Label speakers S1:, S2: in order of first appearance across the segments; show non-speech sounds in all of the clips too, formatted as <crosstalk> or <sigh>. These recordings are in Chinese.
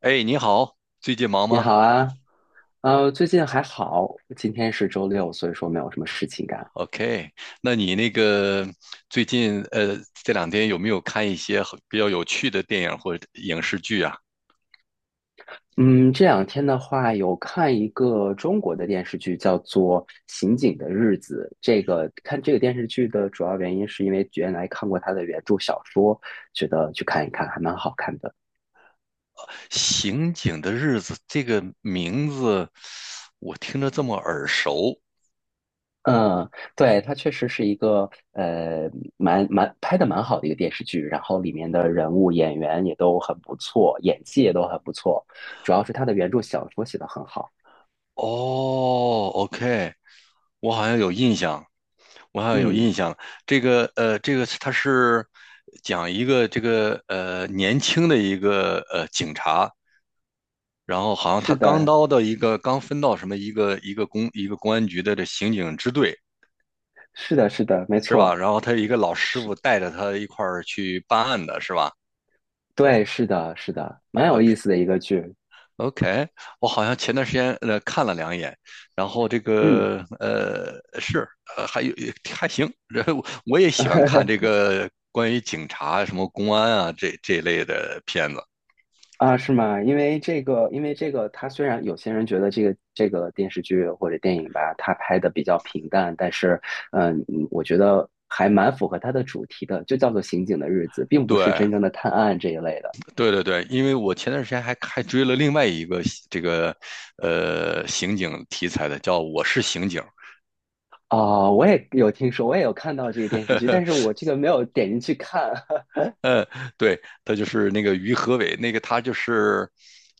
S1: 哎，你好，最近忙
S2: 你
S1: 吗
S2: 好啊，最近还好，今天是周六，所以说没有什么事情干。
S1: ？OK，那你最近这两天有没有看一些很比较有趣的电影或者影视剧啊？
S2: 嗯，这两天的话，有看一个中国的电视剧，叫做《刑警的日子》。这个看这个电视剧的主要原因，是因为原来看过他的原著小说，觉得去看一看，还蛮好看的。
S1: 《刑警的日子》这个名字我听着这么耳熟。
S2: 嗯，对，它确实是一个呃，蛮拍的蛮好的一个电视剧，然后里面的人物演员也都很不错，演技也都很不错，主要是他的原著小说写得很好。
S1: 哦，OK，我好像有印象，我好像有
S2: 嗯，
S1: 印象。它是讲一个年轻的一个警察。然后好像
S2: 是
S1: 他
S2: 的，
S1: 刚分到什么一个公安局的这刑警支队
S2: 是的，是的，没
S1: 是吧？
S2: 错，
S1: 然后他一个老师
S2: 是，
S1: 傅带着他一块儿去办案的是吧
S2: 对，是的，是的，蛮有意思的一个剧。
S1: ？OK，我好像前段时间看了两眼，然后
S2: 嗯，
S1: 呃还有还行。然后我也喜欢看这
S2: <laughs>
S1: 个关于警察什么公安啊这一类的片子，
S2: 啊，是吗？因为这个，它虽然有些人觉得这个电视剧或者电影吧，它拍的比较平淡，但是，我觉得还蛮符合它的主题的，就叫做《刑警的日子》，并不是
S1: 对。
S2: 真正的探案这一类的。
S1: 对对对，因为我前段时间还追了另外一个这个刑警题材的，叫《我是刑警》。
S2: 哦，我也有听说，我也有看到这个电视剧，但是
S1: <laughs>
S2: 我这个没有点进去看
S1: 呃，对，他就是那个于和伟，那个他就是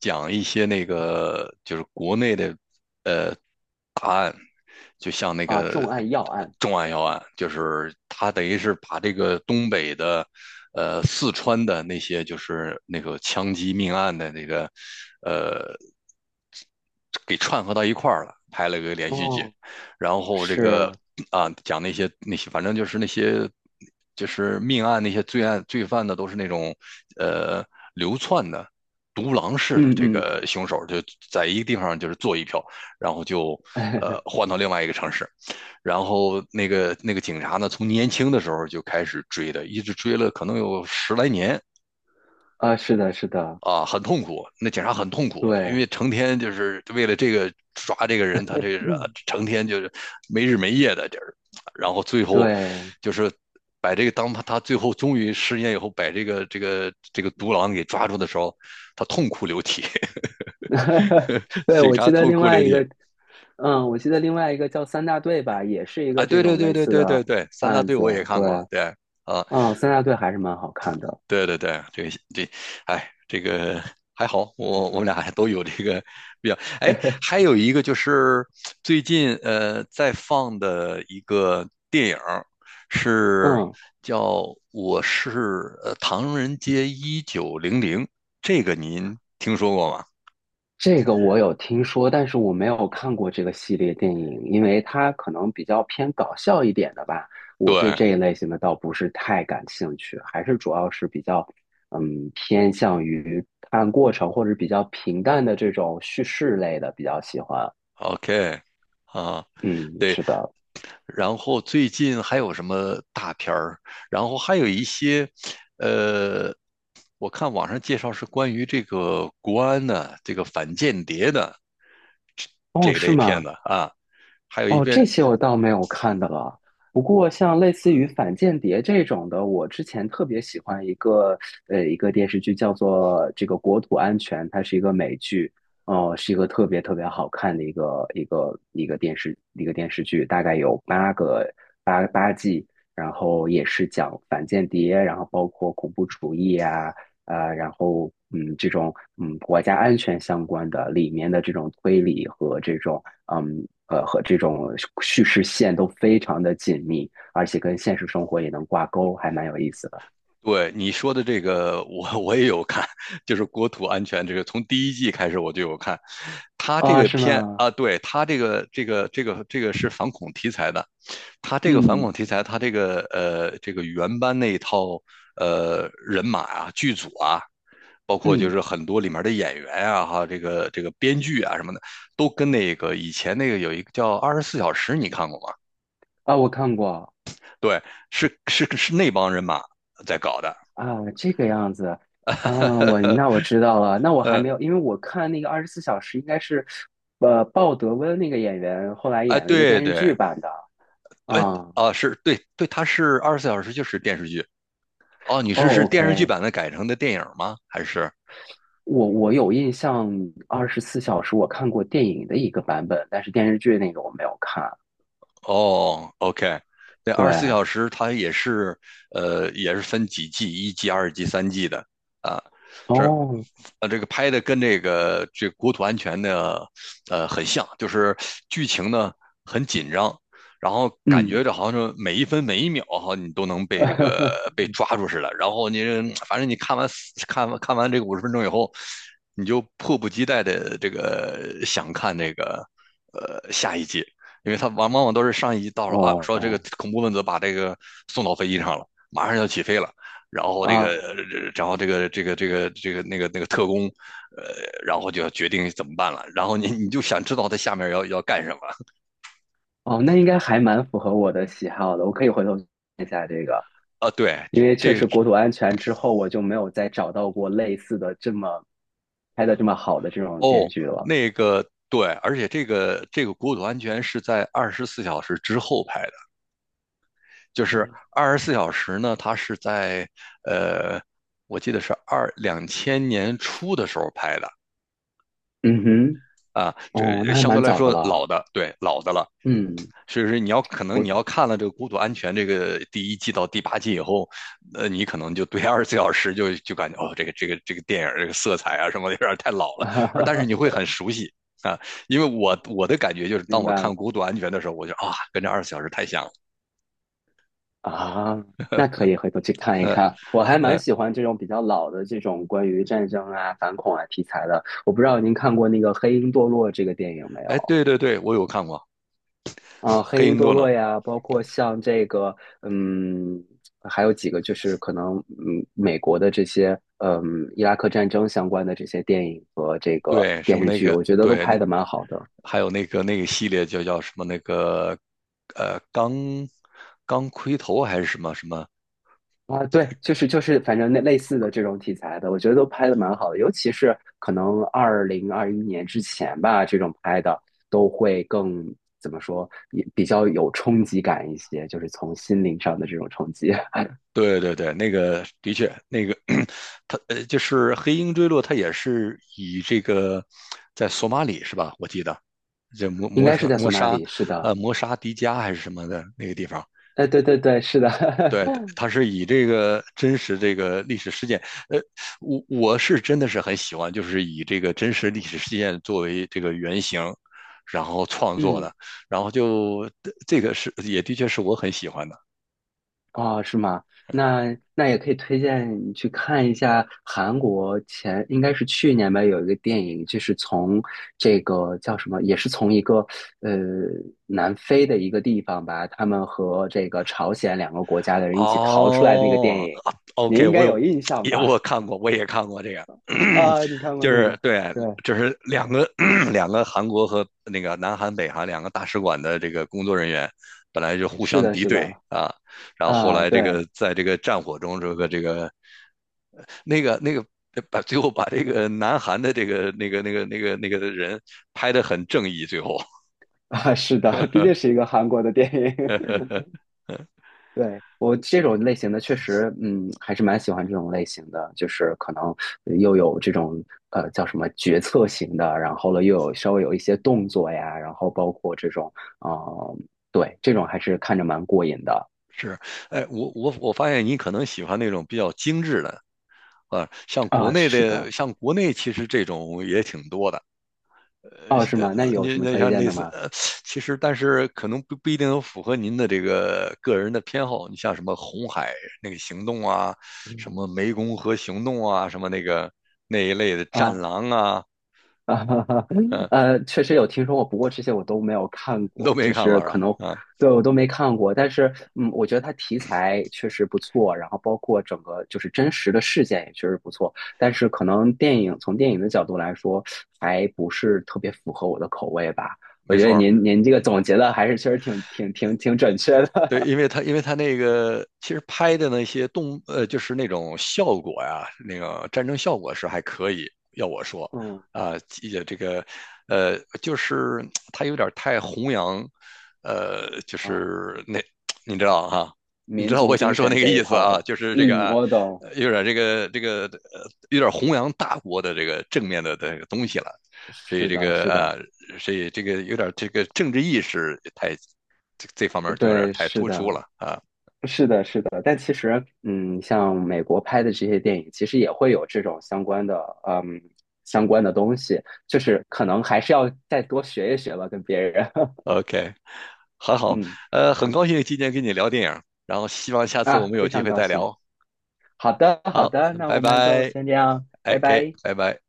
S1: 讲一些那个就是国内的，就像
S2: <laughs>
S1: 那
S2: 啊，
S1: 个
S2: 重案要案。
S1: 重案要案，就是他等于是把这个东北的，四川的那些就是那个枪击命案的那个，呃，给串合到一块儿了，拍了个连续剧，
S2: 哦，
S1: 然后这个
S2: 是，
S1: 啊讲那些反正就是那些就是命案那些罪案罪犯呢，都是那种呃流窜的。独狼式的
S2: 嗯
S1: 这
S2: 嗯。
S1: 个凶手就在一个地方就是做一票，然后就
S2: <laughs>
S1: 换到另外一个城市，然后那个警察呢，从年轻的时候就开始追的，一直追了可能有十来年。
S2: 啊，是的，是的，
S1: 啊，很痛苦，那警察很痛苦，因
S2: 对，
S1: 为成天就是为了这个抓这个人，他这个
S2: 嗯
S1: 成天就是没日没夜的，就是，然后最后
S2: 对，
S1: 就是把这个当他最后终于失业以后，把这个独狼给抓住的时候，他痛哭流涕，
S2: <laughs>
S1: <laughs>
S2: 对，
S1: 警
S2: 我
S1: 察
S2: 记得
S1: 痛
S2: 另
S1: 哭
S2: 外
S1: 流
S2: 一
S1: 涕。
S2: 个，嗯，我记得另外一个叫三大队吧，也是一
S1: 啊，
S2: 个这
S1: 对对
S2: 种
S1: 对
S2: 类
S1: 对
S2: 似
S1: 对对
S2: 的
S1: 对，三大
S2: 案
S1: 队
S2: 子，
S1: 我也看
S2: 对，
S1: 过，对。啊，
S2: 嗯，三大队还是蛮好看的，
S1: 对对对，这个这，哎，这个还好，我们俩还都有这个比较。哎，还有一个就是最近在放的一个电影儿是
S2: 嗯。
S1: 叫《我是唐人街1900》，这个您听说过吗？
S2: 这个我有听说，但是我没有看过这个系列电影，因为它可能比较偏搞笑一点的吧。我对
S1: 对
S2: 这一类型的倒不是太感兴趣，还是主要是比较，嗯，偏向于看过程或者比较平淡的这种叙事类的比较喜欢。
S1: ，OK。啊，
S2: 嗯，
S1: 对，
S2: 是的。
S1: 然后最近还有什么大片儿？然后还有一些，呃，我看网上介绍是关于这个国安的、这个反间谍的这这
S2: 哦，
S1: 一
S2: 是
S1: 类片
S2: 吗？
S1: 子啊，还有一
S2: 哦，这
S1: 边
S2: 些我倒没有看的了。不过，像类似于反间谍这种的，我之前特别喜欢一个电视剧，叫做这个《国土安全》，它是一个美剧，是一个特别特别好看的一个电视剧，大概有八个八八季，然后也是讲反间谍，然后包括恐怖主义啊，然后这种国家安全相关的里面的这种推理和这种叙事线都非常的紧密，而且跟现实生活也能挂钩，还蛮有意思的。
S1: 对你说的这个我也有看。就是国土安全这个，从第一季开始我就有看。他这
S2: 啊，
S1: 个
S2: 是
S1: 片
S2: 吗？
S1: 啊，对他这个是反恐题材的。他这个反恐
S2: 嗯
S1: 题材，他这个这个原班那一套人马啊剧组啊，包括就
S2: 嗯
S1: 是很多里面的演员啊，哈，这个编剧啊什么的，都跟那个以前那个有一个叫《二十四小时》，你看过吗？
S2: 啊，我看过
S1: 对，是是是那帮人马在搞的。
S2: 啊，这个样子。啊，我
S1: 呃
S2: 那我知道了，那我还
S1: 呃，
S2: 没有，因为我看那个《二十四小时》应该是，鲍德温那个演员后来
S1: 哎，
S2: 演了一个
S1: 对
S2: 电视剧
S1: 对。
S2: 版的
S1: 哎
S2: 啊。
S1: 是对对，它是《二十四小时》就是电视剧。哦，你是
S2: 哦
S1: 电视剧
S2: ，OK，
S1: 版的改成的电影吗？还是？
S2: 我有印象，《二十四小时》我看过电影的一个版本，但是电视剧那个我没有看。
S1: 哦，OK。那
S2: 对，
S1: 《二十四小时》它也是，也是分几季，一季、二季、三季的啊。是
S2: 哦，
S1: 这个拍的跟这个国土安全的很像，就是剧情呢很紧张，然后感
S2: 嗯，
S1: 觉这好像是每一分每一秒哈，你都能被这个
S2: <laughs>
S1: 被抓住似的。然后反正你看完这个50分钟以后，你就迫不及待的这个想看那个下一集，因为它往往都是上一集到了啊，说这个
S2: 哦，
S1: 恐怖分子把这个送到飞机上了，马上要起飞了。然后这个，
S2: 啊，
S1: 然后这个那个特工，呃，然后就要决定怎么办了。然后你就想知道他下面要干什么
S2: 哦，那应该还蛮符合我的喜好的，我可以回头看一下这个，
S1: 啊？对。
S2: 因为确
S1: 这
S2: 实国土安全之后，我就没有再找到过类似的这么拍的这么好的这种电视
S1: 哦
S2: 剧了。
S1: 那个对，而且这个国土安全是在二十四小时之后拍的，就是
S2: 嗯
S1: 二十四小时呢，它是在呃，我记得是2000年初的时候拍的。
S2: 嗯哼，
S1: 啊，
S2: 哦，那
S1: 这
S2: 还
S1: 相
S2: 蛮
S1: 对来
S2: 早的
S1: 说老
S2: 了。
S1: 的，对，老的了。
S2: 嗯，
S1: 所以说你要可能
S2: 我，
S1: 你要看了这个《孤独安全》这个第一季到第八季以后，你可能就对二十四小时就感觉哦，这个电影这个色彩啊什么的有点太老了，而但是你会
S2: <laughs>
S1: 很熟悉。啊，因为我的感觉就是当
S2: 明
S1: 我
S2: 白
S1: 看
S2: 了。
S1: 《孤独安全》的时候，我就啊跟这二十四小时太像了。
S2: 啊，那可以回头去看一
S1: 嗯
S2: 看。我还蛮
S1: 嗯，
S2: 喜欢这种比较老的这种关于战争啊、反恐啊题材的。我不知道您看过那个《黑鹰堕落》这个电影没
S1: 哎
S2: 有？
S1: 对对对，我有看过
S2: 啊，《黑
S1: 黑
S2: 鹰
S1: 鹰
S2: 堕
S1: 顿
S2: 落》
S1: 了。
S2: 呀，包括像这个，嗯，还有几个就是可能，美国的这些，伊拉克战争相关的这些电影和这个
S1: 对什
S2: 电
S1: 么
S2: 视
S1: 那
S2: 剧，
S1: 个
S2: 我觉得都
S1: 对
S2: 拍
S1: 那
S2: 的蛮好的。
S1: 还有那个系列就叫什么那个呃钢钢盔头还是什么什么。
S2: 啊，对，就是，反正那类似的这种题材的，我觉得都拍的蛮好的，尤其是可能2021年之前吧，这种拍的都会更怎么说，也比较有冲击感一些，就是从心灵上的这种冲击。<laughs>
S1: 对对对，那个的确，那个 <clears throat> 他就是黑鹰坠落，他也是以这个在索马里是吧？我记得这
S2: 应该是在索马里，是的，
S1: 摩沙迪加还是什么的那个地方。
S2: 哎，对对对，是的，
S1: 对，他是以这个真实这个历史事件，呃，我是真的是很喜欢，就是以这个真实历史事件作为这个原型，然后创
S2: <laughs>
S1: 作
S2: 嗯。
S1: 的，然后就这个是也的确是我很喜欢的。
S2: 哦，是吗？那那也可以推荐你去看一下韩国前应该是去年吧，有一个电影，就是从这个叫什么，也是从一个呃南非的一个地方吧，他们和这个朝鲜两个国家的人一起逃出来的那个电
S1: 哦
S2: 影，
S1: 啊
S2: 你
S1: ，OK，
S2: 应
S1: 我
S2: 该
S1: 有
S2: 有印
S1: <tsk>
S2: 象
S1: 我
S2: 吧？
S1: 看过，我也看过这个，<clears throat>
S2: 啊，你看过
S1: 就
S2: 那
S1: 是
S2: 个？
S1: 对，
S2: 对，
S1: 就是两个 <clears throat> 两个韩国和那个南韩、北韩两个大使馆的这个工作人员，本来就互
S2: 是
S1: 相
S2: 的，
S1: 敌
S2: 是
S1: 对
S2: 的，
S1: 啊，然后后
S2: 啊，
S1: 来这
S2: 对，
S1: 个在这个战火中，这个那个把最后把这个南韩的这个的人拍得很正义，最后。
S2: 啊，是的，<laughs> 毕竟是一个韩国的电影，<laughs>
S1: <laughs>
S2: 对，我这种类型的确实，还是蛮喜欢这种类型的，就是可能又有这种叫什么决策型的，然后了又有稍微有一些动作呀，然后包括这种，呃，对，这种还是看着蛮过瘾的
S1: 是。哎，我发现你可能喜欢那种比较精致的。啊，像国
S2: 啊，
S1: 内
S2: 是
S1: 的，
S2: 的，
S1: 像国内其实这种也挺多的。呃，
S2: 哦，是
S1: 呃
S2: 吗？那有什
S1: 您
S2: 么
S1: 那
S2: 推
S1: 像
S2: 荐
S1: 类
S2: 的
S1: 似，
S2: 吗？
S1: 其实但是可能不一定能符合您的这个个人的偏好。你像什么红海那个行动啊，什
S2: 嗯。
S1: 么湄公河行动啊，什么那个那一类的战
S2: 啊。
S1: 狼啊。
S2: 啊，<laughs>
S1: 嗯、
S2: 确实有听说过，不过这些我都没有看
S1: 你都
S2: 过，
S1: 没
S2: 就
S1: 看
S2: 是
S1: 过是
S2: 可
S1: 吧？
S2: 能
S1: 啊，
S2: 对我都没看过。但是，嗯，我觉得它题材确实不错，然后包括整个就是真实的事件也确实不错。但是，可能电影从电影的角度来说，还不是特别符合我的口味吧。我
S1: 没
S2: 觉得
S1: 错。
S2: 您这个总结的还是确实挺准确
S1: 对，
S2: 的。
S1: 因为他那个其实拍的那些就是那种效果呀，那个战争效果是还可以。要我说，
S2: <laughs> 嗯
S1: 啊、也这个，就是他有点太弘扬，就
S2: 啊，
S1: 是那 <tsk> 你知道哈、你知
S2: 民
S1: 道
S2: 族
S1: 我想
S2: 精
S1: 说那
S2: 神
S1: 个
S2: 这一
S1: 意思
S2: 套
S1: 啊，
S2: 的，
S1: 就是这个
S2: 嗯，
S1: 啊，
S2: 我懂。
S1: 有点有点弘扬大国的这个正面的这个东西了，所以
S2: 是
S1: 这
S2: 的，
S1: 个
S2: 是
S1: 啊，
S2: 的，
S1: 所以这个有点这个政治意识太这方面就有点
S2: 对，
S1: 太
S2: 是
S1: 突出
S2: 的。
S1: 了啊。
S2: 是的，是的，但其实，像美国拍的这些电影，其实也会有这种相关的，嗯，东西，就是可能还是要再多学一学吧，跟别人，<laughs>
S1: OK，很好，
S2: 嗯，
S1: 很高兴今天跟你聊电影，然后希望下次我
S2: 啊，
S1: 们
S2: 非
S1: 有机
S2: 常
S1: 会
S2: 高
S1: 再
S2: 兴。
S1: 聊。
S2: 好的，好
S1: 好，
S2: 的，那
S1: 拜
S2: 我们就
S1: 拜
S2: 先这样，拜
S1: ，OK，
S2: 拜。
S1: 拜拜。